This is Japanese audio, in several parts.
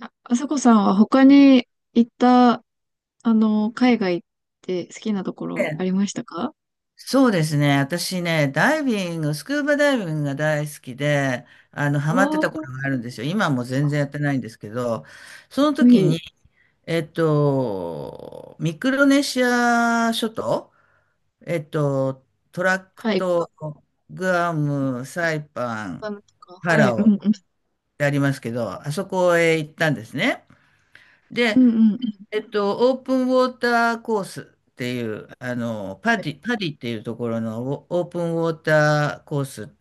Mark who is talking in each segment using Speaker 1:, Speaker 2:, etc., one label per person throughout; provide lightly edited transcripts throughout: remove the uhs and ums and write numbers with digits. Speaker 1: あ、あさこさんは他に行った、海外って好きなとこ
Speaker 2: え
Speaker 1: ろあり
Speaker 2: え、
Speaker 1: ましたか？
Speaker 2: そうですね。私ね、ダイビング、スクーバダイビングが大好きで、ハマって
Speaker 1: お
Speaker 2: た
Speaker 1: ー、か
Speaker 2: 頃があるんですよ。今はもう全然やってないんですけど、そ
Speaker 1: っ
Speaker 2: の
Speaker 1: こ
Speaker 2: 時
Speaker 1: いい。
Speaker 2: に、ミクロネシア諸島、えっと、トラック
Speaker 1: はい、グ
Speaker 2: ト、グアム、サイパ
Speaker 1: ア
Speaker 2: ン、
Speaker 1: ムとか、
Speaker 2: パ
Speaker 1: はい、
Speaker 2: ラ
Speaker 1: う
Speaker 2: オ
Speaker 1: ん、
Speaker 2: っ
Speaker 1: うん、
Speaker 2: てありますけど、あそこへ行ったんですね。
Speaker 1: う
Speaker 2: で、
Speaker 1: ん、うん、うん。
Speaker 2: オープンウォーターコースっていう、パ
Speaker 1: は
Speaker 2: ディ、パディっていうところのオオープンウォーターコース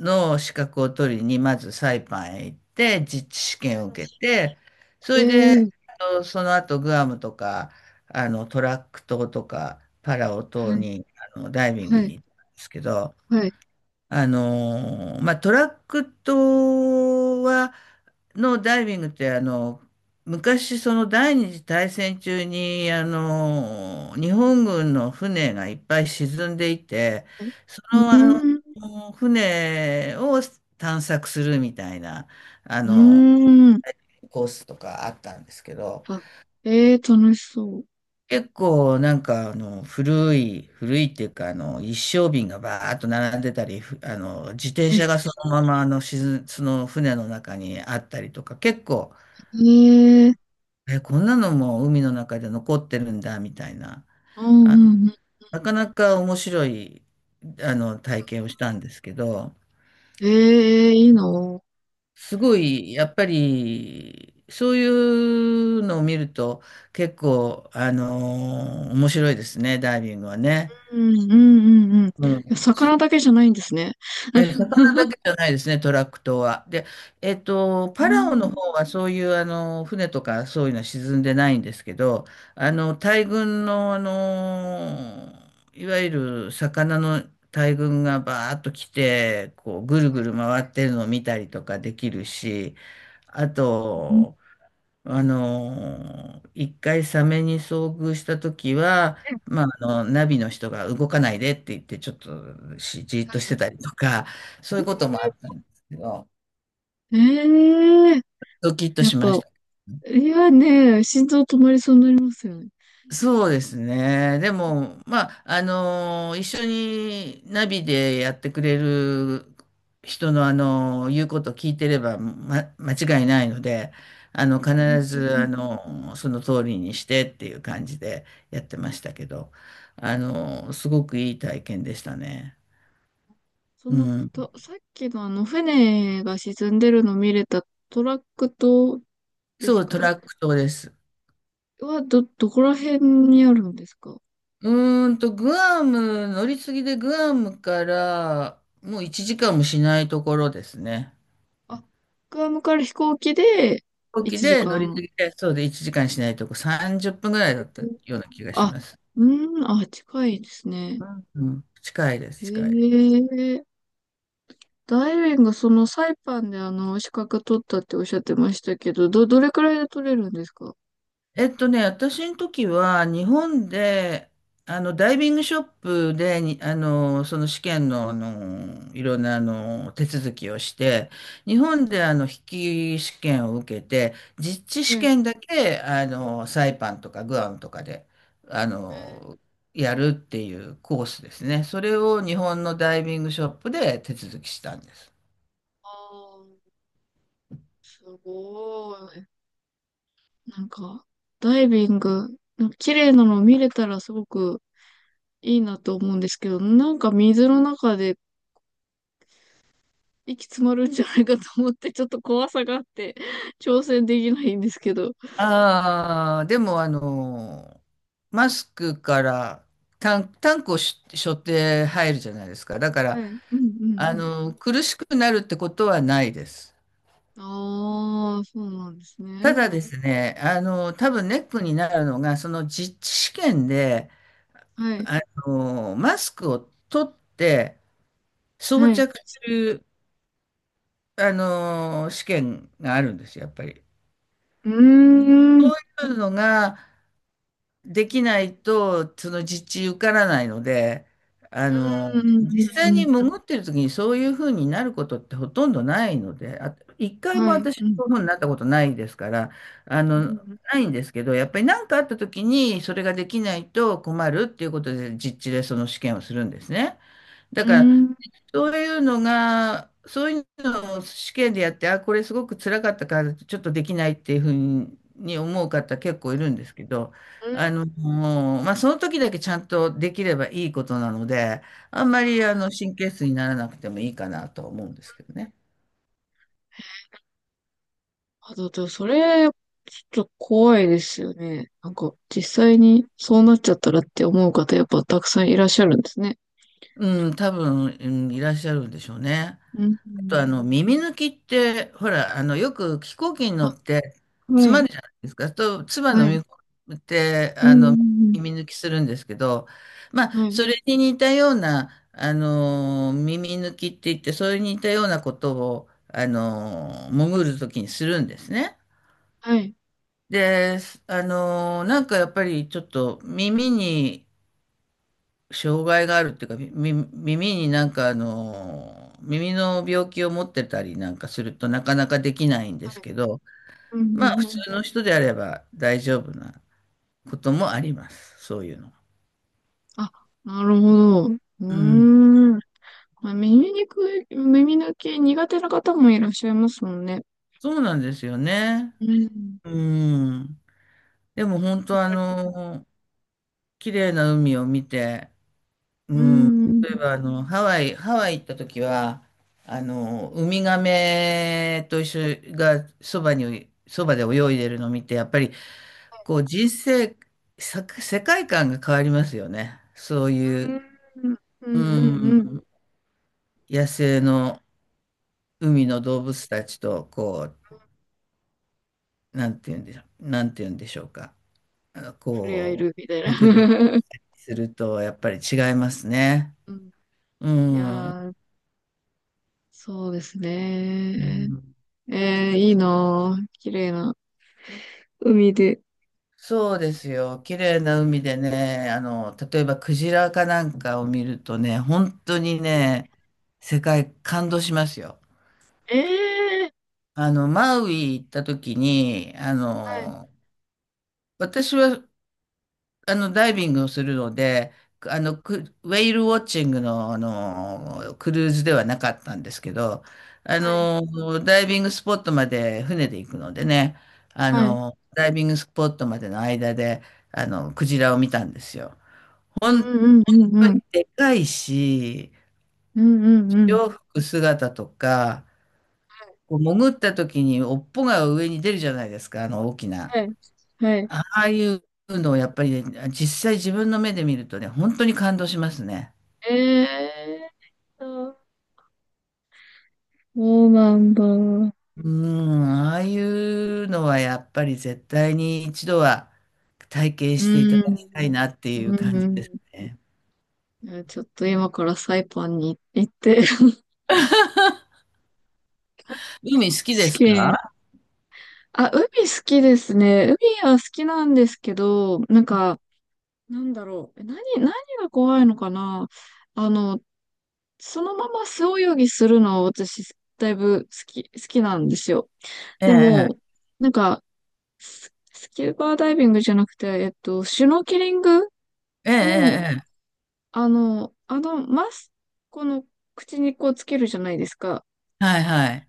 Speaker 2: の資格を取りに、まずサイパンへ行って、実地試験を受けて、そ
Speaker 1: い。え
Speaker 2: れで、
Speaker 1: ー、
Speaker 2: その後グアムとか、トラック島とか、パラオ島
Speaker 1: はい、
Speaker 2: に、ダイビング
Speaker 1: はい、
Speaker 2: に行ったんですけど、
Speaker 1: はい。
Speaker 2: まあ、トラック島は、のダイビングって昔、その第二次大戦中に日本軍の船がいっぱい沈んでいて、
Speaker 1: はい。
Speaker 2: そ
Speaker 1: う
Speaker 2: の、あ
Speaker 1: ーん、
Speaker 2: の船を探索するみたいなあ
Speaker 1: う
Speaker 2: の
Speaker 1: ーん。
Speaker 2: コースとかあったんですけど、
Speaker 1: あ、えー、楽しそう。
Speaker 2: 結構なんか古い古いっていうか一升瓶がバーッと並んでたり、自転車
Speaker 1: え、
Speaker 2: がそのままその船の中にあったりとか結構。
Speaker 1: えー、
Speaker 2: え、こんなのも海の中で残ってるんだ、みたいな。
Speaker 1: うん、う
Speaker 2: あの、
Speaker 1: ん、うん。
Speaker 2: なかなか面白い、体験をしたんですけど、
Speaker 1: えー、いいの。
Speaker 2: すごい、やっぱり、そういうのを見ると、結構、面白いですね、ダイビングはね。
Speaker 1: うん、うん、うん、うん。い
Speaker 2: うん。
Speaker 1: や、魚だけじゃないんですね。
Speaker 2: 魚だ けじゃないですね、トラック島は。で、
Speaker 1: う
Speaker 2: パラオの
Speaker 1: ん、
Speaker 2: 方はそういう船とかそういうのは沈んでないんですけど、大群の、いわゆる魚の大群がバーッと来て、こうぐるぐる回ってるのを見たりとかできるし、あ
Speaker 1: うん、うん。
Speaker 2: と、一回サメに遭遇した時は、まあ、ナビの人が動かないでって言って、ちょっとじーっ
Speaker 1: は
Speaker 2: とし
Speaker 1: い。
Speaker 2: てたりとか、そういうこともあったんですけど、
Speaker 1: ええ、
Speaker 2: ドキッと
Speaker 1: や
Speaker 2: し
Speaker 1: っ
Speaker 2: ま
Speaker 1: ぱ、
Speaker 2: した。
Speaker 1: いやね、心臓止まりそうになりますよね。
Speaker 2: そうですね。でも、まあ、一緒にナビでやってくれる人の、言うことを聞いてれば、間違いないので、
Speaker 1: うん。
Speaker 2: 必ず、その通りにしてっていう感じでやってましたけど、すごくいい体験でしたね。
Speaker 1: そ
Speaker 2: う
Speaker 1: の
Speaker 2: ん。
Speaker 1: と、さっきのあの船が沈んでるの見れたトラック島で
Speaker 2: そ
Speaker 1: す
Speaker 2: う、ト
Speaker 1: か？
Speaker 2: ラック島です。
Speaker 1: は、どこら辺にあるんですか？
Speaker 2: グアム、乗り継ぎでグアムから、もう1時間もしないところですね。
Speaker 1: あ、グアムから飛行機で
Speaker 2: 飛行機
Speaker 1: 1
Speaker 2: で
Speaker 1: 時
Speaker 2: 乗り
Speaker 1: 間。
Speaker 2: 継ぎで、そうで1時間しないとこ、30分ぐらいだったような気がし
Speaker 1: あ、
Speaker 2: ます。
Speaker 1: うん、あ、近いですね。
Speaker 2: うん、うん、近いで
Speaker 1: へ
Speaker 2: す、近い。
Speaker 1: え。ダイビング、そのサイパンであの資格取ったっておっしゃってましたけど、どれくらいで取れるんですか？
Speaker 2: 私の時は日本で、ダイビングショップでに、その試験の、いろんな、手続きをして、日本で、筆記試験を受けて、実地試
Speaker 1: はい。
Speaker 2: 験だけ、サイパンとかグアムとかで、あの、やるっていうコースですね。それを日本のダイビングショップで手続きしたんです。
Speaker 1: あー、すごい。なんか、ダイビング、なんか綺麗なの見れたらすごくいいなと思うんですけど、なんか水の中で息詰まるんじゃないかと思って、ちょっと怖さがあって、挑戦できないんですけど。
Speaker 2: ああ、でもマスクからタンクを背負って入るじゃないですか。だか
Speaker 1: は
Speaker 2: ら、
Speaker 1: い。うん、うん、
Speaker 2: 苦しくなるってことはないです。
Speaker 1: うん。ああ、そうなんです
Speaker 2: た
Speaker 1: ね。
Speaker 2: だですね、多分ネックになるのが、その実地試験で、
Speaker 1: はい。
Speaker 2: あマスクを取って装
Speaker 1: はい。
Speaker 2: 着する、試験があるんですよ、やっぱり。
Speaker 1: うーん。うん。
Speaker 2: そういうのが、できないと、その実地受からないので、
Speaker 1: うん、
Speaker 2: 実
Speaker 1: う
Speaker 2: 際
Speaker 1: ん、う
Speaker 2: に
Speaker 1: ん。
Speaker 2: 潜ってる時にそういうふうになることってほとんどないので、あ、一回も
Speaker 1: はい。
Speaker 2: 私、
Speaker 1: うん。
Speaker 2: そういうふうになったことないですから、あ
Speaker 1: う
Speaker 2: の、
Speaker 1: ん。
Speaker 2: ないんですけど、やっぱり何かあった時にそれができないと困るっていうことで、実地でその試験をするんですね。だ
Speaker 1: う
Speaker 2: から、
Speaker 1: ん。
Speaker 2: そういうのが、そういうのを試験でやって、あ、これすごく辛かったから、ちょっとできないっていうふうに思う方結構いるんですけど、
Speaker 1: うん、なる
Speaker 2: もうまあ、その時だけちゃんとできればいいことなので、あんま
Speaker 1: ほ
Speaker 2: り
Speaker 1: ど。
Speaker 2: 神経質にならなくてもいいかなとは思うんですけどね。
Speaker 1: あ、だってそれ、ちょっと怖いですよね。なんか、実際にそうなっちゃったらって思う方、やっぱたくさんいらっしゃるんですね。
Speaker 2: うん、多分、うん、いらっしゃるんでしょうね。
Speaker 1: うん。
Speaker 2: と耳抜きって、ほら、よく飛行機に乗っ
Speaker 1: あ、
Speaker 2: て
Speaker 1: は
Speaker 2: 詰ま
Speaker 1: い、
Speaker 2: るじゃないですか、と唾
Speaker 1: は
Speaker 2: 飲
Speaker 1: い。
Speaker 2: み込んで
Speaker 1: うん、うん、
Speaker 2: 耳抜きするんですけど、まあ、
Speaker 1: うん、はい、
Speaker 2: それに似たような耳抜きって言って、それに似たようなことを潜るときにするんですね。
Speaker 1: はい、
Speaker 2: で、なんかやっぱりちょっと耳に障害があるっていうか、耳になんか耳の病気を持ってたりなんかするとなかなかできないんで
Speaker 1: は
Speaker 2: す
Speaker 1: い。
Speaker 2: けど、
Speaker 1: うん、
Speaker 2: まあ
Speaker 1: う
Speaker 2: 普
Speaker 1: ん、うん。
Speaker 2: 通の人であれば大丈夫なこともあります。そういうの。
Speaker 1: あ、なるほど。うー
Speaker 2: うん。
Speaker 1: ん。まあ、耳にくい、耳抜き苦手な方もいらっしゃいますもんね。
Speaker 2: そうなんですよね。
Speaker 1: うん。
Speaker 2: うん。でも本当綺麗な海を見て、う
Speaker 1: う
Speaker 2: ん。
Speaker 1: ん。うん。
Speaker 2: 例えばハワイ行った時は、ウミガメと一緒がそばに、そばで泳いでるのを見て、やっぱりこう人生、世界観が変わりますよね。そういう、
Speaker 1: うん。う
Speaker 2: う
Speaker 1: ん。うん、
Speaker 2: ん、野生の海の動物たちと、こう、なんて言うんでしょう、なんて言うんでしょうか。
Speaker 1: 触れ合え
Speaker 2: こ
Speaker 1: るみたいな。
Speaker 2: う、目撃 すると、やっぱり違いますね。
Speaker 1: うん。
Speaker 2: う
Speaker 1: い
Speaker 2: ん。う
Speaker 1: やー、そうです
Speaker 2: ん、
Speaker 1: ね。えー、いいなぁ。綺麗な海で。
Speaker 2: そうですよ。綺麗な海でね、例えばクジラかなんかを見るとね、本当にね、世界感動しますよ。
Speaker 1: ええー。
Speaker 2: マウイ行った時に、
Speaker 1: はい、
Speaker 2: 私は、ダイビングをするので、クウェイルウォッチングの、クルーズではなかったんですけど、
Speaker 1: はい、
Speaker 2: ダイビングスポットまで船で行くのでね、
Speaker 1: はい。
Speaker 2: ダイビングスポットまでの間で、クジラを見たんですよ。本
Speaker 1: うん、うん、う
Speaker 2: 当
Speaker 1: ん、
Speaker 2: に
Speaker 1: うん。
Speaker 2: でかいし、
Speaker 1: うん、うん、うん。
Speaker 2: 洋服姿とか、こう潜った時に尾っぽが上に出るじゃないですか、あの大きな。
Speaker 1: はい、はい。
Speaker 2: ああいうのをやっぱりね、実際自分の目で見るとね、本当に感動しますね。
Speaker 1: ええー、そうなんだ。うん、
Speaker 2: うん、ああいうのはやっぱり絶対に一度は体験
Speaker 1: う
Speaker 2: していただ
Speaker 1: ん、
Speaker 2: きたいなっていう感じで
Speaker 1: う
Speaker 2: すね。
Speaker 1: ん。えー、ちょっと今からサイパンに行って
Speaker 2: 海好きで
Speaker 1: 試
Speaker 2: す
Speaker 1: 験。
Speaker 2: か？
Speaker 1: あ、海好きですね。海は好きなんですけど、なんか、なんだろう。え、何が怖いのかな。あの、そのまま素泳ぎするのは私、だいぶ好きなんですよ。
Speaker 2: え
Speaker 1: で
Speaker 2: え、
Speaker 1: も、なんか、スキューバーダイビングじゃなくて、えっと、シュノーケリング
Speaker 2: ええ、
Speaker 1: も、
Speaker 2: ええ、
Speaker 1: マスクの口にこうつけるじゃないですか。
Speaker 2: ええ、はいはい。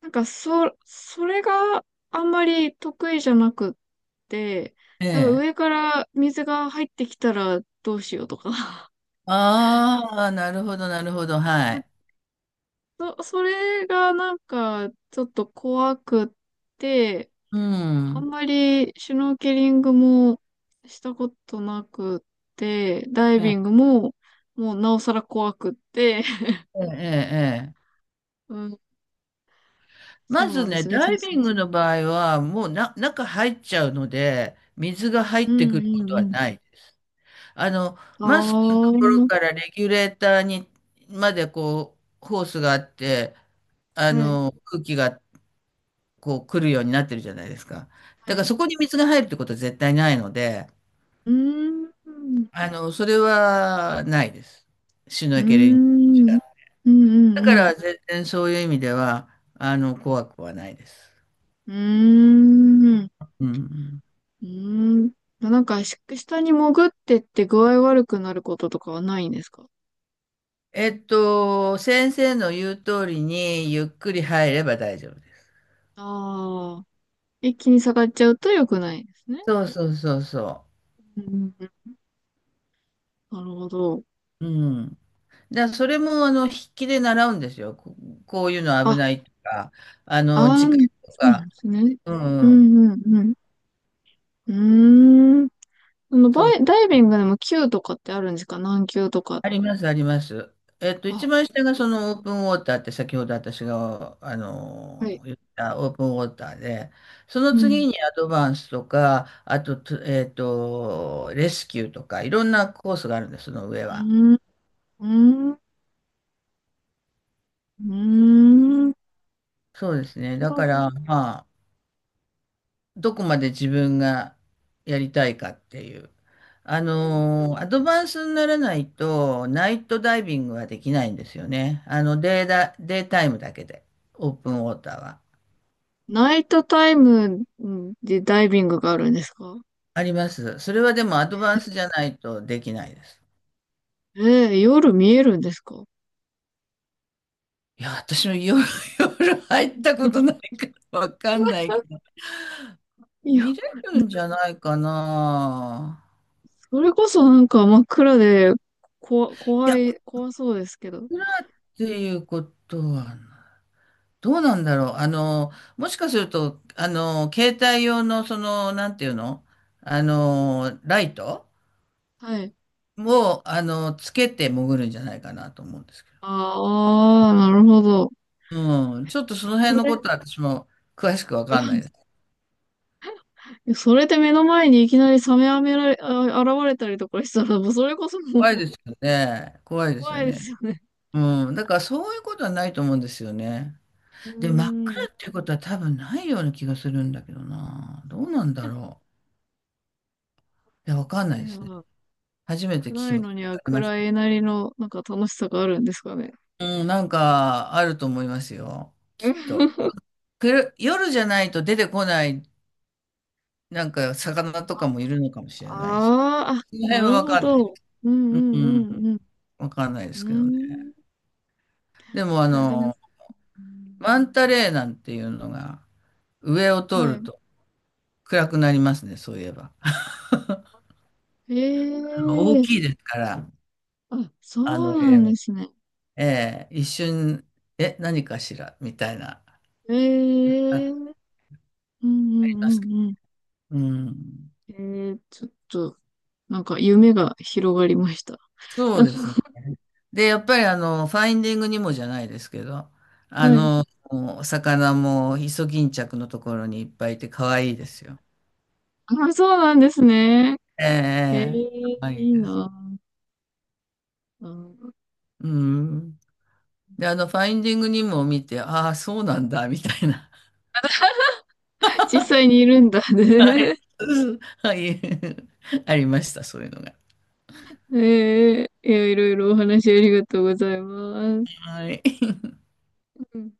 Speaker 1: なんか、それがあんまり得意じゃなくって、
Speaker 2: え
Speaker 1: なんか
Speaker 2: え。
Speaker 1: 上から水が入ってきたらどうしようとか。
Speaker 2: ああ、なるほど、なるほど、は
Speaker 1: なんか
Speaker 2: い。
Speaker 1: それがなんか、ちょっと怖くって、
Speaker 2: う
Speaker 1: あん
Speaker 2: ん。
Speaker 1: まりシュノーケリングもしたことなくって、ダイ
Speaker 2: え
Speaker 1: ビング
Speaker 2: え、
Speaker 1: ももうなおさら怖くって、
Speaker 2: ええ、ええ。
Speaker 1: うん、
Speaker 2: ま
Speaker 1: そう
Speaker 2: ず
Speaker 1: なんで
Speaker 2: ね、
Speaker 1: すね、
Speaker 2: ダ
Speaker 1: 挑
Speaker 2: イビ
Speaker 1: 戦
Speaker 2: ン
Speaker 1: す
Speaker 2: グ
Speaker 1: る。
Speaker 2: の場合は、もう中入っちゃうので、水が入
Speaker 1: う
Speaker 2: ってく
Speaker 1: ん、
Speaker 2: るこ
Speaker 1: うん、
Speaker 2: と
Speaker 1: う
Speaker 2: は
Speaker 1: ん。
Speaker 2: ないです。あの、
Speaker 1: あ
Speaker 2: マスクのと
Speaker 1: あ、
Speaker 2: ころ
Speaker 1: は
Speaker 2: からレギュレーターに、までこう、ホースがあって、
Speaker 1: い、
Speaker 2: 空気がこう来るようになってるじゃないですか。
Speaker 1: は
Speaker 2: だから
Speaker 1: い。
Speaker 2: そこに水が入るってことは絶対ないので、
Speaker 1: うーん、う
Speaker 2: それはないです。シュノ
Speaker 1: ー
Speaker 2: ーケリング。
Speaker 1: ん、うん、う
Speaker 2: だか
Speaker 1: ん、うん。
Speaker 2: ら全然そういう意味では、怖くはないです。
Speaker 1: うーん、
Speaker 2: うん。
Speaker 1: うーん。なんか、下に潜ってって具合悪くなることとかはないんですか？
Speaker 2: 先生の言う通りにゆっくり入れば大丈夫です。
Speaker 1: あ、あー、一気に下がっちゃうと良くないですね。
Speaker 2: そうそうそうそ
Speaker 1: うん、なるほど。
Speaker 2: う。うん。それも、筆記で習うんですよ。こういうの
Speaker 1: あ、
Speaker 2: 危ないとか、
Speaker 1: あ
Speaker 2: 時間
Speaker 1: ー、
Speaker 2: と
Speaker 1: そうなん
Speaker 2: か。
Speaker 1: ですね。
Speaker 2: う
Speaker 1: う
Speaker 2: ん、うん。
Speaker 1: ん、うん、うん。うーん。そのバ
Speaker 2: そう。
Speaker 1: イ、ダイビングでも級とかってあるんですか？何級とか。
Speaker 2: あります、あります。一
Speaker 1: あ、
Speaker 2: 番下がそのオープンウォーターって先ほど私が、
Speaker 1: はい。
Speaker 2: 言ったオープンウォーターで、その
Speaker 1: うん。
Speaker 2: 次にアドバンスとか、あと、レスキューとか、いろんなコースがあるんです、その上
Speaker 1: う
Speaker 2: は。
Speaker 1: ーん。うーん。うーん。
Speaker 2: そうですね。だ
Speaker 1: そ
Speaker 2: か
Speaker 1: う。
Speaker 2: ら、まあ、どこまで自分がやりたいかっていう。
Speaker 1: うん。
Speaker 2: アドバンスにならないと、ナイトダイビングはできないんですよね。データイムだけで、オープンウォーターは。
Speaker 1: ナイトタイムでダイビングがあるんですか？
Speaker 2: あります。それはでもアドバンスじゃないとできないです。
Speaker 1: えー、夜見えるんですか？
Speaker 2: いや、私も夜、夜入った
Speaker 1: う
Speaker 2: こ
Speaker 1: ん。
Speaker 2: とないからわかんないけど、
Speaker 1: あ、いや、
Speaker 2: 見れるんじゃないかな。
Speaker 1: それこそなんか真っ暗で、こわ、
Speaker 2: い
Speaker 1: 怖
Speaker 2: や、
Speaker 1: い、
Speaker 2: お
Speaker 1: 怖そうですけど。
Speaker 2: 風呂っていうことはない。どうなんだろう。もしかすると、携帯用の、その、なんていうの、ライト
Speaker 1: はい。
Speaker 2: を、つけて潜るんじゃないかなと思うんですけ
Speaker 1: ああ、なるほど。
Speaker 2: ど。うん。ちょっとその
Speaker 1: そ
Speaker 2: 辺
Speaker 1: う
Speaker 2: のこ
Speaker 1: で
Speaker 2: と
Speaker 1: す
Speaker 2: は私も詳しくわかんないで
Speaker 1: か？
Speaker 2: す。
Speaker 1: それで目の前にいきなりサメあめられ、あ、現れたりとかしたら、もうそれこそも
Speaker 2: 怖い
Speaker 1: う
Speaker 2: ですよね。怖 いですよ
Speaker 1: 怖いで
Speaker 2: ね。
Speaker 1: すよね。
Speaker 2: うん。だからそういうことはないと思うんですよね。
Speaker 1: う
Speaker 2: で、真っ
Speaker 1: ー
Speaker 2: 暗
Speaker 1: ん。
Speaker 2: っていうことは多分ないような気がするんだけどな。どうなんだろう。いや、わかんないですね。
Speaker 1: ええ、
Speaker 2: 初めて聞
Speaker 1: 暗
Speaker 2: き
Speaker 1: い
Speaker 2: ま
Speaker 1: のには
Speaker 2: し
Speaker 1: 暗
Speaker 2: た。
Speaker 1: いなりの、なんか楽しさがあるんですかね。
Speaker 2: うん、なんかあると思いますよ。きっ と。夜じゃないと出てこない、なんか魚とかもいるのかもしれないし。
Speaker 1: あー
Speaker 2: その
Speaker 1: あ、
Speaker 2: 辺
Speaker 1: な
Speaker 2: は
Speaker 1: る
Speaker 2: わ
Speaker 1: ほ
Speaker 2: かんない。
Speaker 1: ど。うん、
Speaker 2: うんうん、
Speaker 1: うん、うん、
Speaker 2: わかんないで
Speaker 1: う
Speaker 2: すけど
Speaker 1: ん。
Speaker 2: ね。
Speaker 1: うーん。
Speaker 2: でも
Speaker 1: いや、でも、うん。
Speaker 2: マンタレーなんていうのが上を通
Speaker 1: は
Speaker 2: る
Speaker 1: い。
Speaker 2: と暗くなりますね、そういえば。あの大
Speaker 1: ええ。
Speaker 2: きいですから、
Speaker 1: あ、そう
Speaker 2: え
Speaker 1: なんですね。
Speaker 2: えええ一瞬、え、何かしらみたいな、
Speaker 1: ええ。
Speaker 2: あ
Speaker 1: うん、うん、う
Speaker 2: りますけ
Speaker 1: ん、うん。
Speaker 2: ど。うん、
Speaker 1: ええ、ちょっと、なんか夢が広がりました。
Speaker 2: そうです ね。で、やっぱりファインディングにもじゃないですけど、あ
Speaker 1: はい。
Speaker 2: の、お魚もイソギンチャクのところにいっぱいいて可愛いですよ。
Speaker 1: あ、そうなんですね。
Speaker 2: え
Speaker 1: え
Speaker 2: え、可
Speaker 1: え、
Speaker 2: 愛い
Speaker 1: いい
Speaker 2: です。
Speaker 1: な。小
Speaker 2: うん。で、ファインディングにも見て、ああ、そうなんだ、みたいな。
Speaker 1: 実際にいるんだね。
Speaker 2: はい。ありました、そういうのが。
Speaker 1: ええ、いや、いろいろお話ありがとうございます。
Speaker 2: はい。
Speaker 1: うん